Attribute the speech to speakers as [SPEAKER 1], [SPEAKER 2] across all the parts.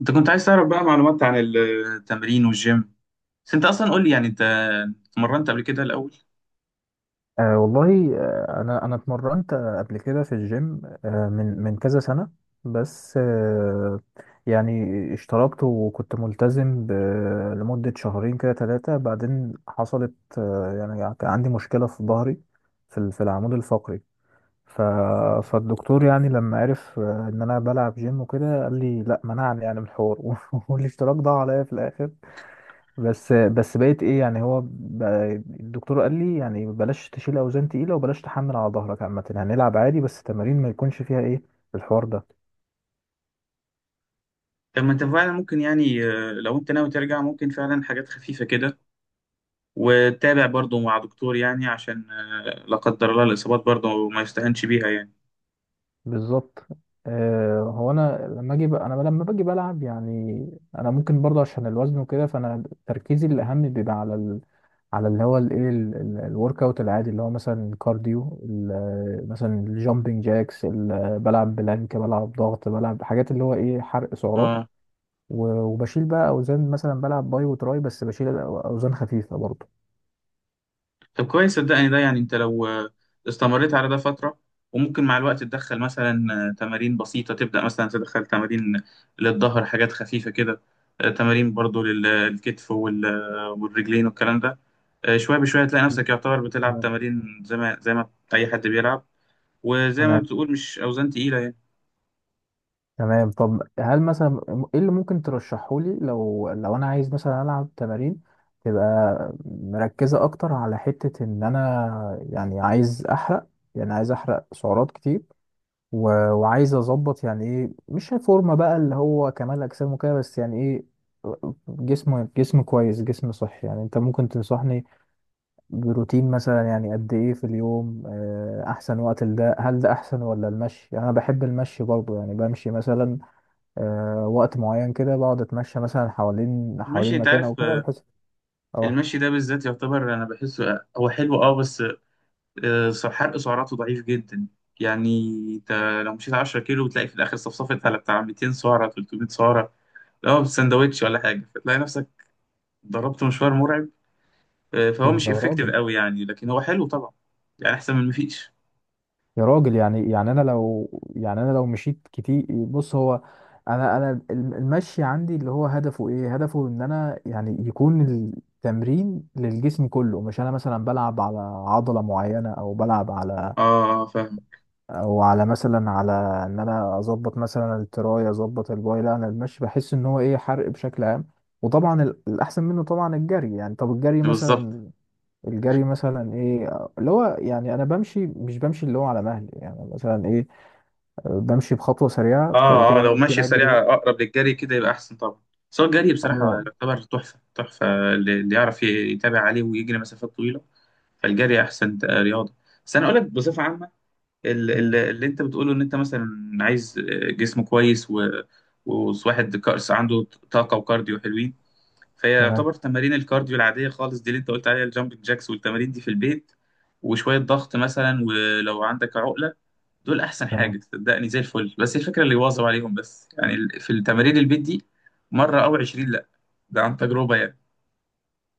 [SPEAKER 1] انت كنت عايز تعرف بقى معلومات عن التمرين والجيم. بس انت اصلا قول لي، يعني انت اتمرنت قبل كده الاول؟
[SPEAKER 2] أه والله، انا اتمرنت قبل كده في الجيم، من كذا سنة. بس يعني اشتركت وكنت ملتزم لمدة شهرين كده ثلاثة. بعدين حصلت يعني كان عندي مشكلة في ظهري، في في العمود الفقري. ف فالدكتور يعني لما عرف ان انا بلعب جيم وكده، قال لي لا، منعني يعني من الحوار والاشتراك ضاع عليا في الاخر. بس بقيت ايه؟ يعني هو الدكتور قال لي يعني بلاش تشيل اوزان تقيله، وبلاش تحمل على ظهرك عامه. هنلعب عادي بس تمارين ما يكونش فيها ايه، الحوار ده.
[SPEAKER 1] طب ما انت فعلا ممكن، يعني لو انت ناوي ترجع ممكن فعلا حاجات خفيفه كده، وتتابع برضو مع دكتور، يعني عشان لا قدر الله الاصابات برضو ما يستهنش بيها يعني.
[SPEAKER 2] بالظبط. آه، هو انا انا لما باجي بلعب، يعني انا ممكن برضه عشان الوزن وكده، فانا تركيزي الاهم بيبقى على على اللي هو الايه، الورك اوت العادي، اللي هو مثلا الكارديو، مثلا الجامبنج جاكس، بلعب بلانك، بلعب ضغط، بلعب حاجات اللي هو ايه، حرق سعرات.
[SPEAKER 1] اه.
[SPEAKER 2] وبشيل بقى اوزان، مثلا بلعب باي وتراي بس بشيل اوزان خفيفه برضه.
[SPEAKER 1] طب كويس. صدقني ده، يعني انت لو استمريت على ده فتره وممكن مع الوقت تدخل مثلا تمارين بسيطه، تبدا مثلا تدخل تمارين للظهر، حاجات خفيفه كده. تمارين برضو للكتف والرجلين والكلام ده. شوية بشوية تلاقي نفسك يعتبر بتلعب
[SPEAKER 2] تمام.
[SPEAKER 1] تمارين زي ما أي حد بيلعب. وزي ما
[SPEAKER 2] تمام،
[SPEAKER 1] بتقول، مش أوزان تقيلة يعني.
[SPEAKER 2] تمام. طب هل مثلا ايه اللي ممكن ترشحه لي، لو انا عايز مثلا العب تمارين تبقى مركزة اكتر على حتة ان انا يعني عايز احرق، يعني عايز احرق سعرات كتير، وعايز اظبط يعني ايه، مش فورمة بقى اللي هو كمال اجسام وكده، بس يعني ايه، جسم، جسم كويس، جسم صحي. يعني انت ممكن تنصحني بروتين مثلا؟ يعني قد ايه في اليوم؟ احسن وقت لده؟ هل ده احسن ولا المشي؟ يعني انا بحب المشي برضو، يعني بمشي مثلا وقت معين كده، بقعد اتمشى مثلا حوالين
[SPEAKER 1] المشي،
[SPEAKER 2] حوالين
[SPEAKER 1] أنت
[SPEAKER 2] مكان او
[SPEAKER 1] عارف،
[SPEAKER 2] كده، بحس. اه،
[SPEAKER 1] المشي ده بالذات يعتبر أنا بحسه، هو حلو، بس حرق سعراته ضعيف جدا يعني. أنت لو مشيت 10 كيلو بتلاقي في الآخر صفصفت على بتاع 200 سعرة 300 سعرة، لا سندوتش ولا حاجة، فتلاقي نفسك ضربت مشوار مرعب. فهو مش
[SPEAKER 2] يا
[SPEAKER 1] إفكتيف
[SPEAKER 2] راجل،
[SPEAKER 1] قوي يعني، لكن هو حلو طبعا، يعني أحسن من مفيش.
[SPEAKER 2] يا راجل. يعني انا لو، يعني انا لو مشيت كتير، بص هو انا، المشي عندي اللي هو هدفه ايه، هدفه ان انا يعني يكون التمرين للجسم كله، مش انا مثلا بلعب على عضلة معينة، او بلعب على،
[SPEAKER 1] أه، فاهم.
[SPEAKER 2] او على مثلا على ان انا اظبط مثلا التراي، اظبط الباي. لا، انا المشي بحس ان هو ايه، حرق بشكل عام. وطبعا الاحسن منه طبعا الجري. يعني طب الجري
[SPEAKER 1] بالظبط.
[SPEAKER 2] مثلا، الجري مثلا ايه اللي هو، يعني انا بمشي مش بمشي اللي هو على مهلي، يعني مثلا ايه، بمشي بخطوه سريعه، بعد
[SPEAKER 1] اه،
[SPEAKER 2] كده
[SPEAKER 1] اه، لو
[SPEAKER 2] ممكن
[SPEAKER 1] ماشية سريعة
[SPEAKER 2] اجري.
[SPEAKER 1] اقرب للجري كده يبقى احسن طبعا. بس هو الجري بصراحة
[SPEAKER 2] اه.
[SPEAKER 1] يعتبر تحفة تحفة. اللي يعرف يتابع عليه ويجري مسافات طويلة، فالجري احسن رياضة. بس انا اقول لك بصفة عامة،
[SPEAKER 2] أمم،
[SPEAKER 1] اللي انت بتقوله ان انت مثلا عايز جسم كويس، وواحد كأس عنده، طاقة وكارديو حلوين. فهي
[SPEAKER 2] تمام.
[SPEAKER 1] يعتبر تمارين الكارديو العادية خالص دي اللي انت قلت عليها، الجامبنج جاكس والتمارين دي في البيت، وشوية ضغط مثلا، ولو عندك عقلة، دول احسن
[SPEAKER 2] تمام.
[SPEAKER 1] حاجه صدقني، زي الفل. بس الفكره اللي يواظب عليهم، بس يعني في التمارين البيت دي، مره او 20، لا، ده عن تجربه يعني.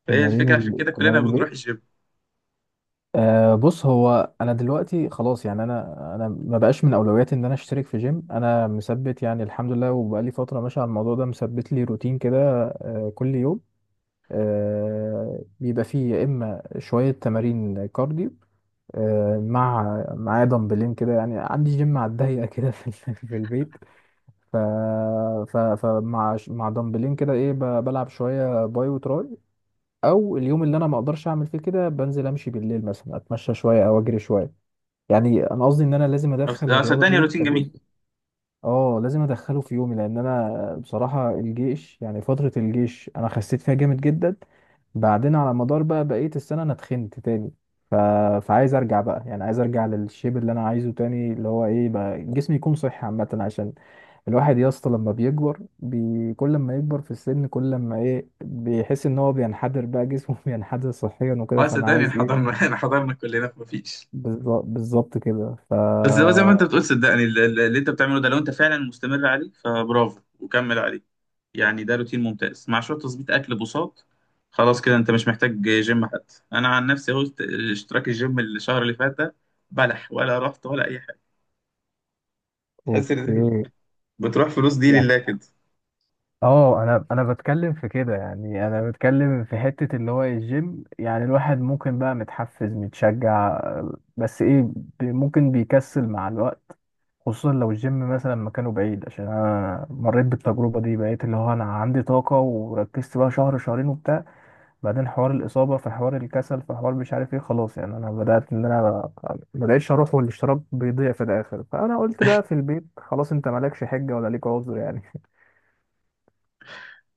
[SPEAKER 1] فهي
[SPEAKER 2] تمارين
[SPEAKER 1] الفكره عشان كده كلنا
[SPEAKER 2] تمارين
[SPEAKER 1] بنروح
[SPEAKER 2] البيت.
[SPEAKER 1] الجيم.
[SPEAKER 2] أه، بص، هو انا دلوقتي خلاص، يعني انا ما بقاش من اولوياتي ان انا اشترك في جيم. انا مثبت يعني، الحمد لله، وبقالي فتره ماشي على الموضوع ده، مثبت لي روتين كده. أه، كل يوم أه بيبقى فيه يا اما شويه تمارين كارديو، أه معايا دمبلين كده، يعني عندي جيم على الضيقه كده في في البيت. ف ف فمع مع دمبلين كده ايه، بلعب شويه باي وتراي، او اليوم اللي انا ما اقدرش اعمل فيه كده بنزل امشي بالليل مثلا، اتمشى شويه او اجري شويه. يعني انا قصدي ان انا لازم ادخل الرياضه
[SPEAKER 1] صدقني
[SPEAKER 2] دي
[SPEAKER 1] روتين جميل.
[SPEAKER 2] كجزء، اه لازم ادخله في يومي. لان انا بصراحه الجيش، يعني فتره الجيش انا خسيت فيها جامد جدا، بعدين على مدار بقى بقيه السنه انا اتخنت تاني. ف... فعايز ارجع بقى، يعني عايز ارجع للشيب اللي انا عايزه تاني، اللي هو ايه بقى، جسمي يكون صحي عامه. عشان الواحد يا اسطى كل ما يكبر في السن كل ما ايه بيحس ان هو بينحدر بقى، جسمه بينحدر صحيا وكده،
[SPEAKER 1] اه
[SPEAKER 2] فانا
[SPEAKER 1] صدقني
[SPEAKER 2] عايز
[SPEAKER 1] حضرنا
[SPEAKER 2] ايه،
[SPEAKER 1] احنا حضرنا كلنا، مفيش.
[SPEAKER 2] بالظبط كده.
[SPEAKER 1] بس هو زي ما انت بتقول، صدقني اللي انت بتعمله ده، لو انت فعلا مستمر عليه فبرافو وكمل عليه. يعني ده روتين ممتاز، مع شويه تظبيط اكل بساط. خلاص كده انت مش محتاج جيم. حتى انا عن نفسي اهو، اشتراك الجيم الشهر اللي فات ده، بلح، ولا رحت ولا اي حاجه. تحس ان
[SPEAKER 2] اوكي.
[SPEAKER 1] بتروح فلوس دي
[SPEAKER 2] يعني
[SPEAKER 1] لله كده.
[SPEAKER 2] اه، انا بتكلم في كده، يعني انا بتكلم في حتة اللي هو الجيم. يعني الواحد ممكن بقى متحفز متشجع، بس ايه، ممكن بيكسل مع الوقت، خصوصا لو الجيم مثلا مكانه بعيد. عشان انا مريت بالتجربة دي، بقيت اللي هو انا عندي طاقة وركزت بقى شهر شهرين وبتاع، بعدين حوار الإصابة، في حوار الكسل، في حوار مش عارف ايه، خلاص يعني انا بدأت ان انا ما بقتش اروح، والاشتراك بيضيع في الاخر. فانا قلت بقى في البيت خلاص، انت مالكش حجة ولا ليك عذر يعني.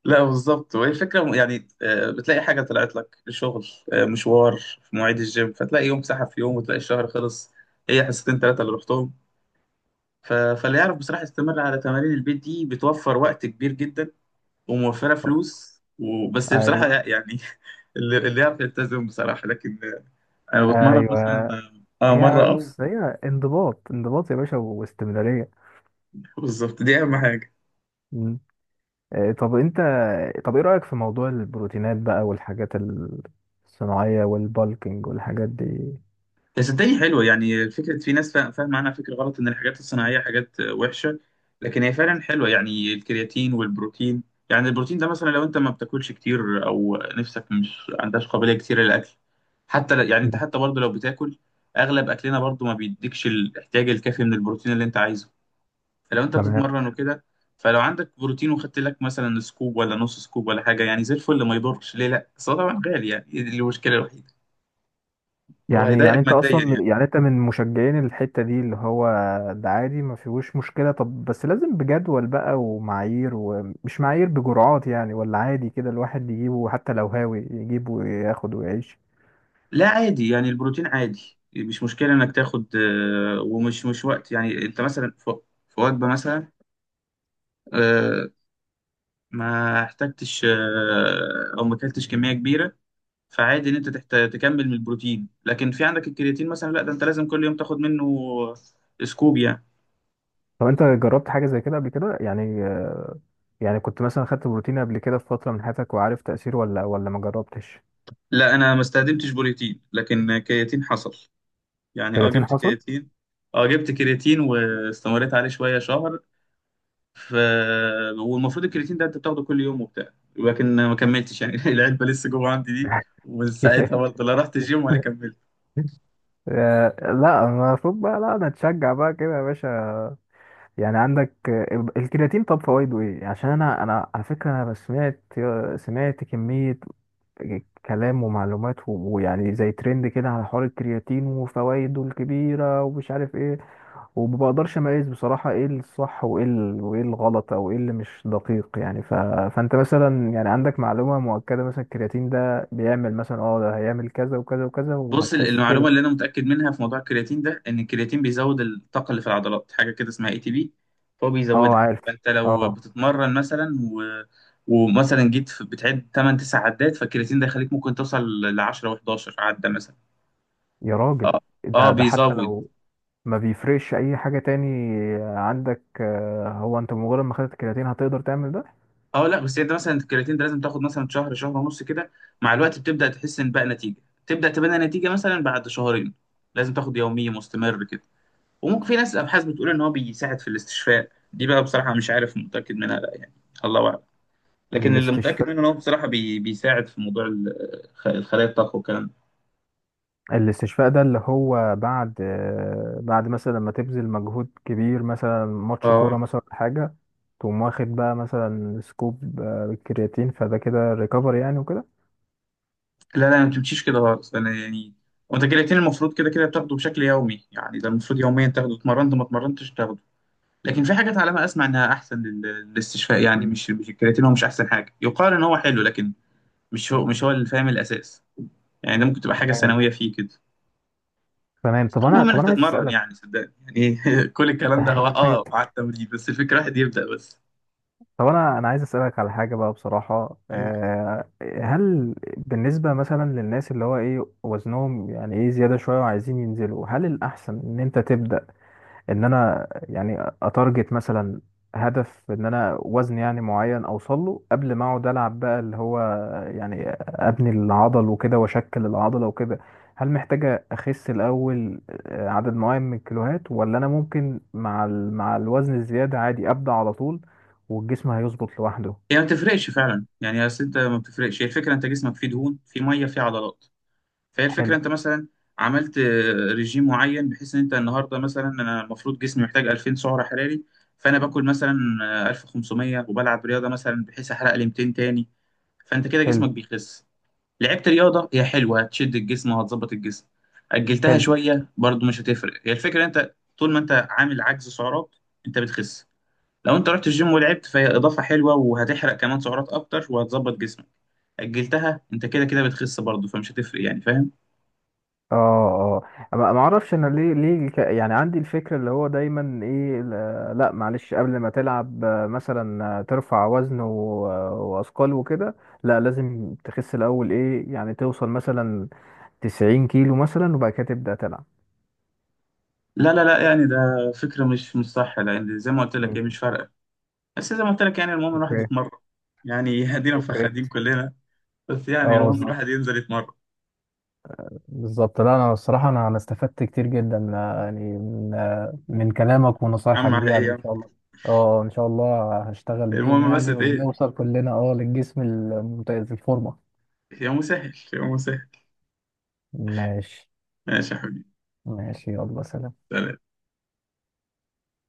[SPEAKER 1] لا بالظبط، وهي الفكرة، يعني بتلاقي حاجة طلعت لك شغل، مشوار في مواعيد الجيم، فتلاقي يوم سحب في يوم
[SPEAKER 2] مم.
[SPEAKER 1] وتلاقي الشهر خلص. هي حصتين ثلاثة اللي رحتهم. فاللي يعرف بصراحة يستمر على تمارين البيت دي، بتوفر وقت كبير جدا وموفرة فلوس وبس بصراحة
[SPEAKER 2] ايوه،
[SPEAKER 1] يعني اللي يعرف يلتزم بصراحة. لكن أنا بتمرن مثلا
[SPEAKER 2] ايوه. هي
[SPEAKER 1] مرة أو
[SPEAKER 2] بص، هي انضباط، انضباط يا باشا، واستمراريه.
[SPEAKER 1] بالظبط، دي أهم حاجة.
[SPEAKER 2] مم. طب انت، طب ايه رايك في موضوع البروتينات بقى والحاجات الصناعيه والبالكينج والحاجات دي؟
[SPEAKER 1] بس صدقني حلوة. يعني فكرة في ناس فاهمة عنها فكرة غلط، إن الحاجات الصناعية حاجات وحشة. لكن هي فعلا حلوة يعني، الكرياتين والبروتين. يعني البروتين ده مثلا، لو أنت ما بتاكلش كتير أو نفسك مش عندهاش قابلية كتير للأكل، حتى يعني أنت
[SPEAKER 2] مم.
[SPEAKER 1] حتى برضه لو بتاكل، أغلب أكلنا برضه ما بيديكش الاحتياج الكافي من البروتين اللي أنت عايزه. فلو أنت
[SPEAKER 2] تمام.
[SPEAKER 1] بتتمرن وكده، فلو عندك بروتين وخدت لك مثلا سكوب ولا نص سكوب ولا حاجة، يعني زي الفل ما يضرش ليه. لأ بس هو طبعا غالي يعني، دي المشكلة الوحيدة. هو
[SPEAKER 2] يعني،
[SPEAKER 1] هيضايقك ماديا يعني.
[SPEAKER 2] يعني انت من مشجعين الحته دي، اللي هو ده عادي، ما فيهوش مشكله. طب بس لازم بجدول بقى ومعايير، ومش معايير، بجرعات يعني؟ ولا عادي كده الواحد يجيبه حتى لو هاوي، يجيبه وياخد ويعيش؟
[SPEAKER 1] لا عادي، يعني البروتين عادي مش مشكلة إنك تاخد، ومش مش وقت يعني، أنت مثلا في وجبة مثلا، آه، ما احتجتش أو ما اكلتش كمية كبيرة. فعادي إن أنت تحت تكمل من البروتين. لكن في عندك الكرياتين مثلا، لا ده أنت لازم كل يوم تاخد منه سكوب يعني.
[SPEAKER 2] طب انت جربت حاجه زي كده قبل كده يعني، يعني كنت مثلا خدت بروتين قبل كده في فتره من حياتك وعارف تاثيره، ولا ما جربتش؟
[SPEAKER 1] لا أنا ما استخدمتش بروتين، لكن كرياتين حصل. يعني أه
[SPEAKER 2] كرياتين
[SPEAKER 1] جبت
[SPEAKER 2] حصل.
[SPEAKER 1] كرياتين أه جبت كرياتين واستمريت عليه شوية شهر. ف والمفروض الكرياتين ده انت بتاخده كل يوم وبتاع، لكن ما كملتش يعني العلبه لسه جوه عندي دي. ومن ساعتها برضه، لا رحت الجيم ولا كملت.
[SPEAKER 2] لا، المفروض بقى، لا انا اتشجع بقى كده يا باشا. يعني عندك الكرياتين، طب فوائده ايه؟ عشان انا على فكره، انا سمعت كميه كلام ومعلومات، ويعني زي ترند كده على حوار الكرياتين وفوائده الكبيره ومش عارف ايه. وما بقدرش اميز بصراحه ايه الصح وايه وايه الغلط، او ايه اللي مش دقيق يعني. فانت مثلا يعني عندك معلومه مؤكده مثلا الكرياتين ده بيعمل مثلا، اه ده هيعمل كذا وكذا وكذا
[SPEAKER 1] بص،
[SPEAKER 2] وهتحس
[SPEAKER 1] المعلومه
[SPEAKER 2] كده؟
[SPEAKER 1] اللي انا متاكد منها في موضوع الكرياتين ده، ان الكرياتين بيزود الطاقه اللي في العضلات، حاجه كده اسمها ATP. فهو
[SPEAKER 2] اه،
[SPEAKER 1] بيزودها.
[SPEAKER 2] عارف.
[SPEAKER 1] فانت لو
[SPEAKER 2] اه،
[SPEAKER 1] بتتمرن مثلا ومثلا جيت في بتعد 8 9 عدات، فالكرياتين ده يخليك ممكن توصل ل 10 و11 عده مثلا.
[SPEAKER 2] يا راجل.
[SPEAKER 1] اه اه،
[SPEAKER 2] ده، حتى
[SPEAKER 1] بيزود.
[SPEAKER 2] لو ما بيفرقش اي حاجه تاني؟ عندك هو انت بمجرد ما خدت الكرياتين هتقدر تعمل ده؟
[SPEAKER 1] اه لا بس انت مثلا الكرياتين ده، لازم تاخد مثلا شهر شهر ونص كده. مع الوقت بتبدا تحس ان بقى نتيجه، تبدا تبان نتيجه مثلا بعد شهرين. لازم تاخد يومي مستمر كده. وممكن، في ناس الابحاث بتقول ان هو بيساعد في الاستشفاء، دي بقى بصراحه مش عارف متاكد منها لا يعني، الله اعلم. لكن اللي متاكد
[SPEAKER 2] الاستشفاء،
[SPEAKER 1] منه ان هو بصراحه بيساعد في موضوع الخلايا الطاقه والكلام ده.
[SPEAKER 2] الاستشفاء ده اللي هو بعد بعد مثلا لما تبذل مجهود كبير، مثلا ماتش
[SPEAKER 1] اه،
[SPEAKER 2] كورة مثلا ولا حاجة، تقوم واخد بقى مثلا سكوب كرياتين، فده كده ريكفري يعني وكده؟
[SPEAKER 1] لا لا ما تمشيش كده خالص، انا يعني وانت الكرياتين المفروض كده كده بتاخده بشكل يومي يعني، ده المفروض يوميا تاخده، اتمرنت ما اتمرنتش تاخده. لكن في حاجات على ما اسمع انها احسن للاستشفاء يعني.
[SPEAKER 2] مم.
[SPEAKER 1] مش الكرياتين هو مش احسن حاجه، يقال ان هو حلو لكن مش هو اللي فاهم الاساس يعني، ده ممكن تبقى حاجه
[SPEAKER 2] تمام.
[SPEAKER 1] ثانويه فيه كده.
[SPEAKER 2] تمام، طب انا،
[SPEAKER 1] المهم
[SPEAKER 2] طب
[SPEAKER 1] انك
[SPEAKER 2] انا عايز
[SPEAKER 1] تتمرن
[SPEAKER 2] اسالك.
[SPEAKER 1] يعني، صدقني يعني كل الكلام ده هو
[SPEAKER 2] حاجة.
[SPEAKER 1] على التمرين بس، الفكره واحد يبدا بس.
[SPEAKER 2] طب انا عايز اسالك على حاجه بقى بصراحه.
[SPEAKER 1] إيه.
[SPEAKER 2] هل بالنسبه مثلا للناس اللي هو ايه وزنهم يعني ايه زياده شويه وعايزين ينزلوا، هل الاحسن ان انت تبدا، ان انا يعني اتارجت مثلا هدف ان انا وزن يعني معين اوصل له قبل ما اقعد العب بقى اللي هو، يعني ابني العضل وكده واشكل العضله وكده؟ هل محتاجه اخس الاول عدد معين من الكيلوهات، ولا انا ممكن مع مع الوزن الزياده عادي ابدا على طول والجسم هيظبط لوحده؟
[SPEAKER 1] هي ما بتفرقش فعلا يعني، اصل انت ما بتفرقش، هي الفكره انت جسمك فيه دهون فيه ميه فيه عضلات. فهي الفكرة،
[SPEAKER 2] حلو.
[SPEAKER 1] انت مثلا عملت رجيم معين، بحيث ان انت النهاردة مثلا، انا المفروض جسمي محتاج 2000 سعرة حراري، فانا باكل مثلا 1500، وبلعب رياضة مثلا بحيث احرق لي 200 تاني. فانت كده
[SPEAKER 2] حلو.
[SPEAKER 1] جسمك بيخس. لعبت رياضة، هي حلوة هتشد الجسم وهتظبط الجسم. أجلتها
[SPEAKER 2] حلو.
[SPEAKER 1] شوية برضو مش هتفرق، هي الفكرة انت طول ما انت عامل عجز سعرات انت بتخس. لو انت رحت الجيم ولعبت، فهي إضافة حلوة وهتحرق كمان سعرات أكتر وهتظبط جسمك. أجلتها، انت كده كده بتخس برضو فمش هتفرق يعني، فاهم؟
[SPEAKER 2] اه، اه، ما اعرفش انا، ليه يعني عندي الفكره اللي هو دايما ايه، لا معلش، قبل ما تلعب مثلا ترفع وزن واثقال وكده، لا لازم تخس الاول ايه يعني، توصل مثلا 90 كيلو مثلا وبعد كده تبدا تلعب.
[SPEAKER 1] لا لا لا، يعني ده فكرة مش صح، لأن زي ما قلت لك
[SPEAKER 2] مم.
[SPEAKER 1] هي مش فارقة. بس زي ما قلت لك، يعني المهم الواحد
[SPEAKER 2] اوكي.
[SPEAKER 1] يتمرن يعني هدينا
[SPEAKER 2] اوكي.
[SPEAKER 1] مفخدين كلنا. بس يعني
[SPEAKER 2] اه،
[SPEAKER 1] المهم
[SPEAKER 2] بالظبط.
[SPEAKER 1] الواحد ينزل يتمرن.
[SPEAKER 2] بالظبط. لا، انا الصراحه انا استفدت كتير جدا، يعني من من كلامك ونصايحك
[SPEAKER 1] عم
[SPEAKER 2] دي
[SPEAKER 1] على إيه
[SPEAKER 2] يعني.
[SPEAKER 1] يا
[SPEAKER 2] ان
[SPEAKER 1] عم.
[SPEAKER 2] شاء الله. اه، ان شاء الله هشتغل بيهم
[SPEAKER 1] المهم بس
[SPEAKER 2] يعني،
[SPEAKER 1] إيه،
[SPEAKER 2] ونوصل كلنا اه للجسم الممتاز، الفورمه.
[SPEAKER 1] يومه سهل يومه سهل.
[SPEAKER 2] ماشي.
[SPEAKER 1] ماشي يا حبيبي.
[SPEAKER 2] ماشي، يلا سلام.
[SPEAKER 1] سلام.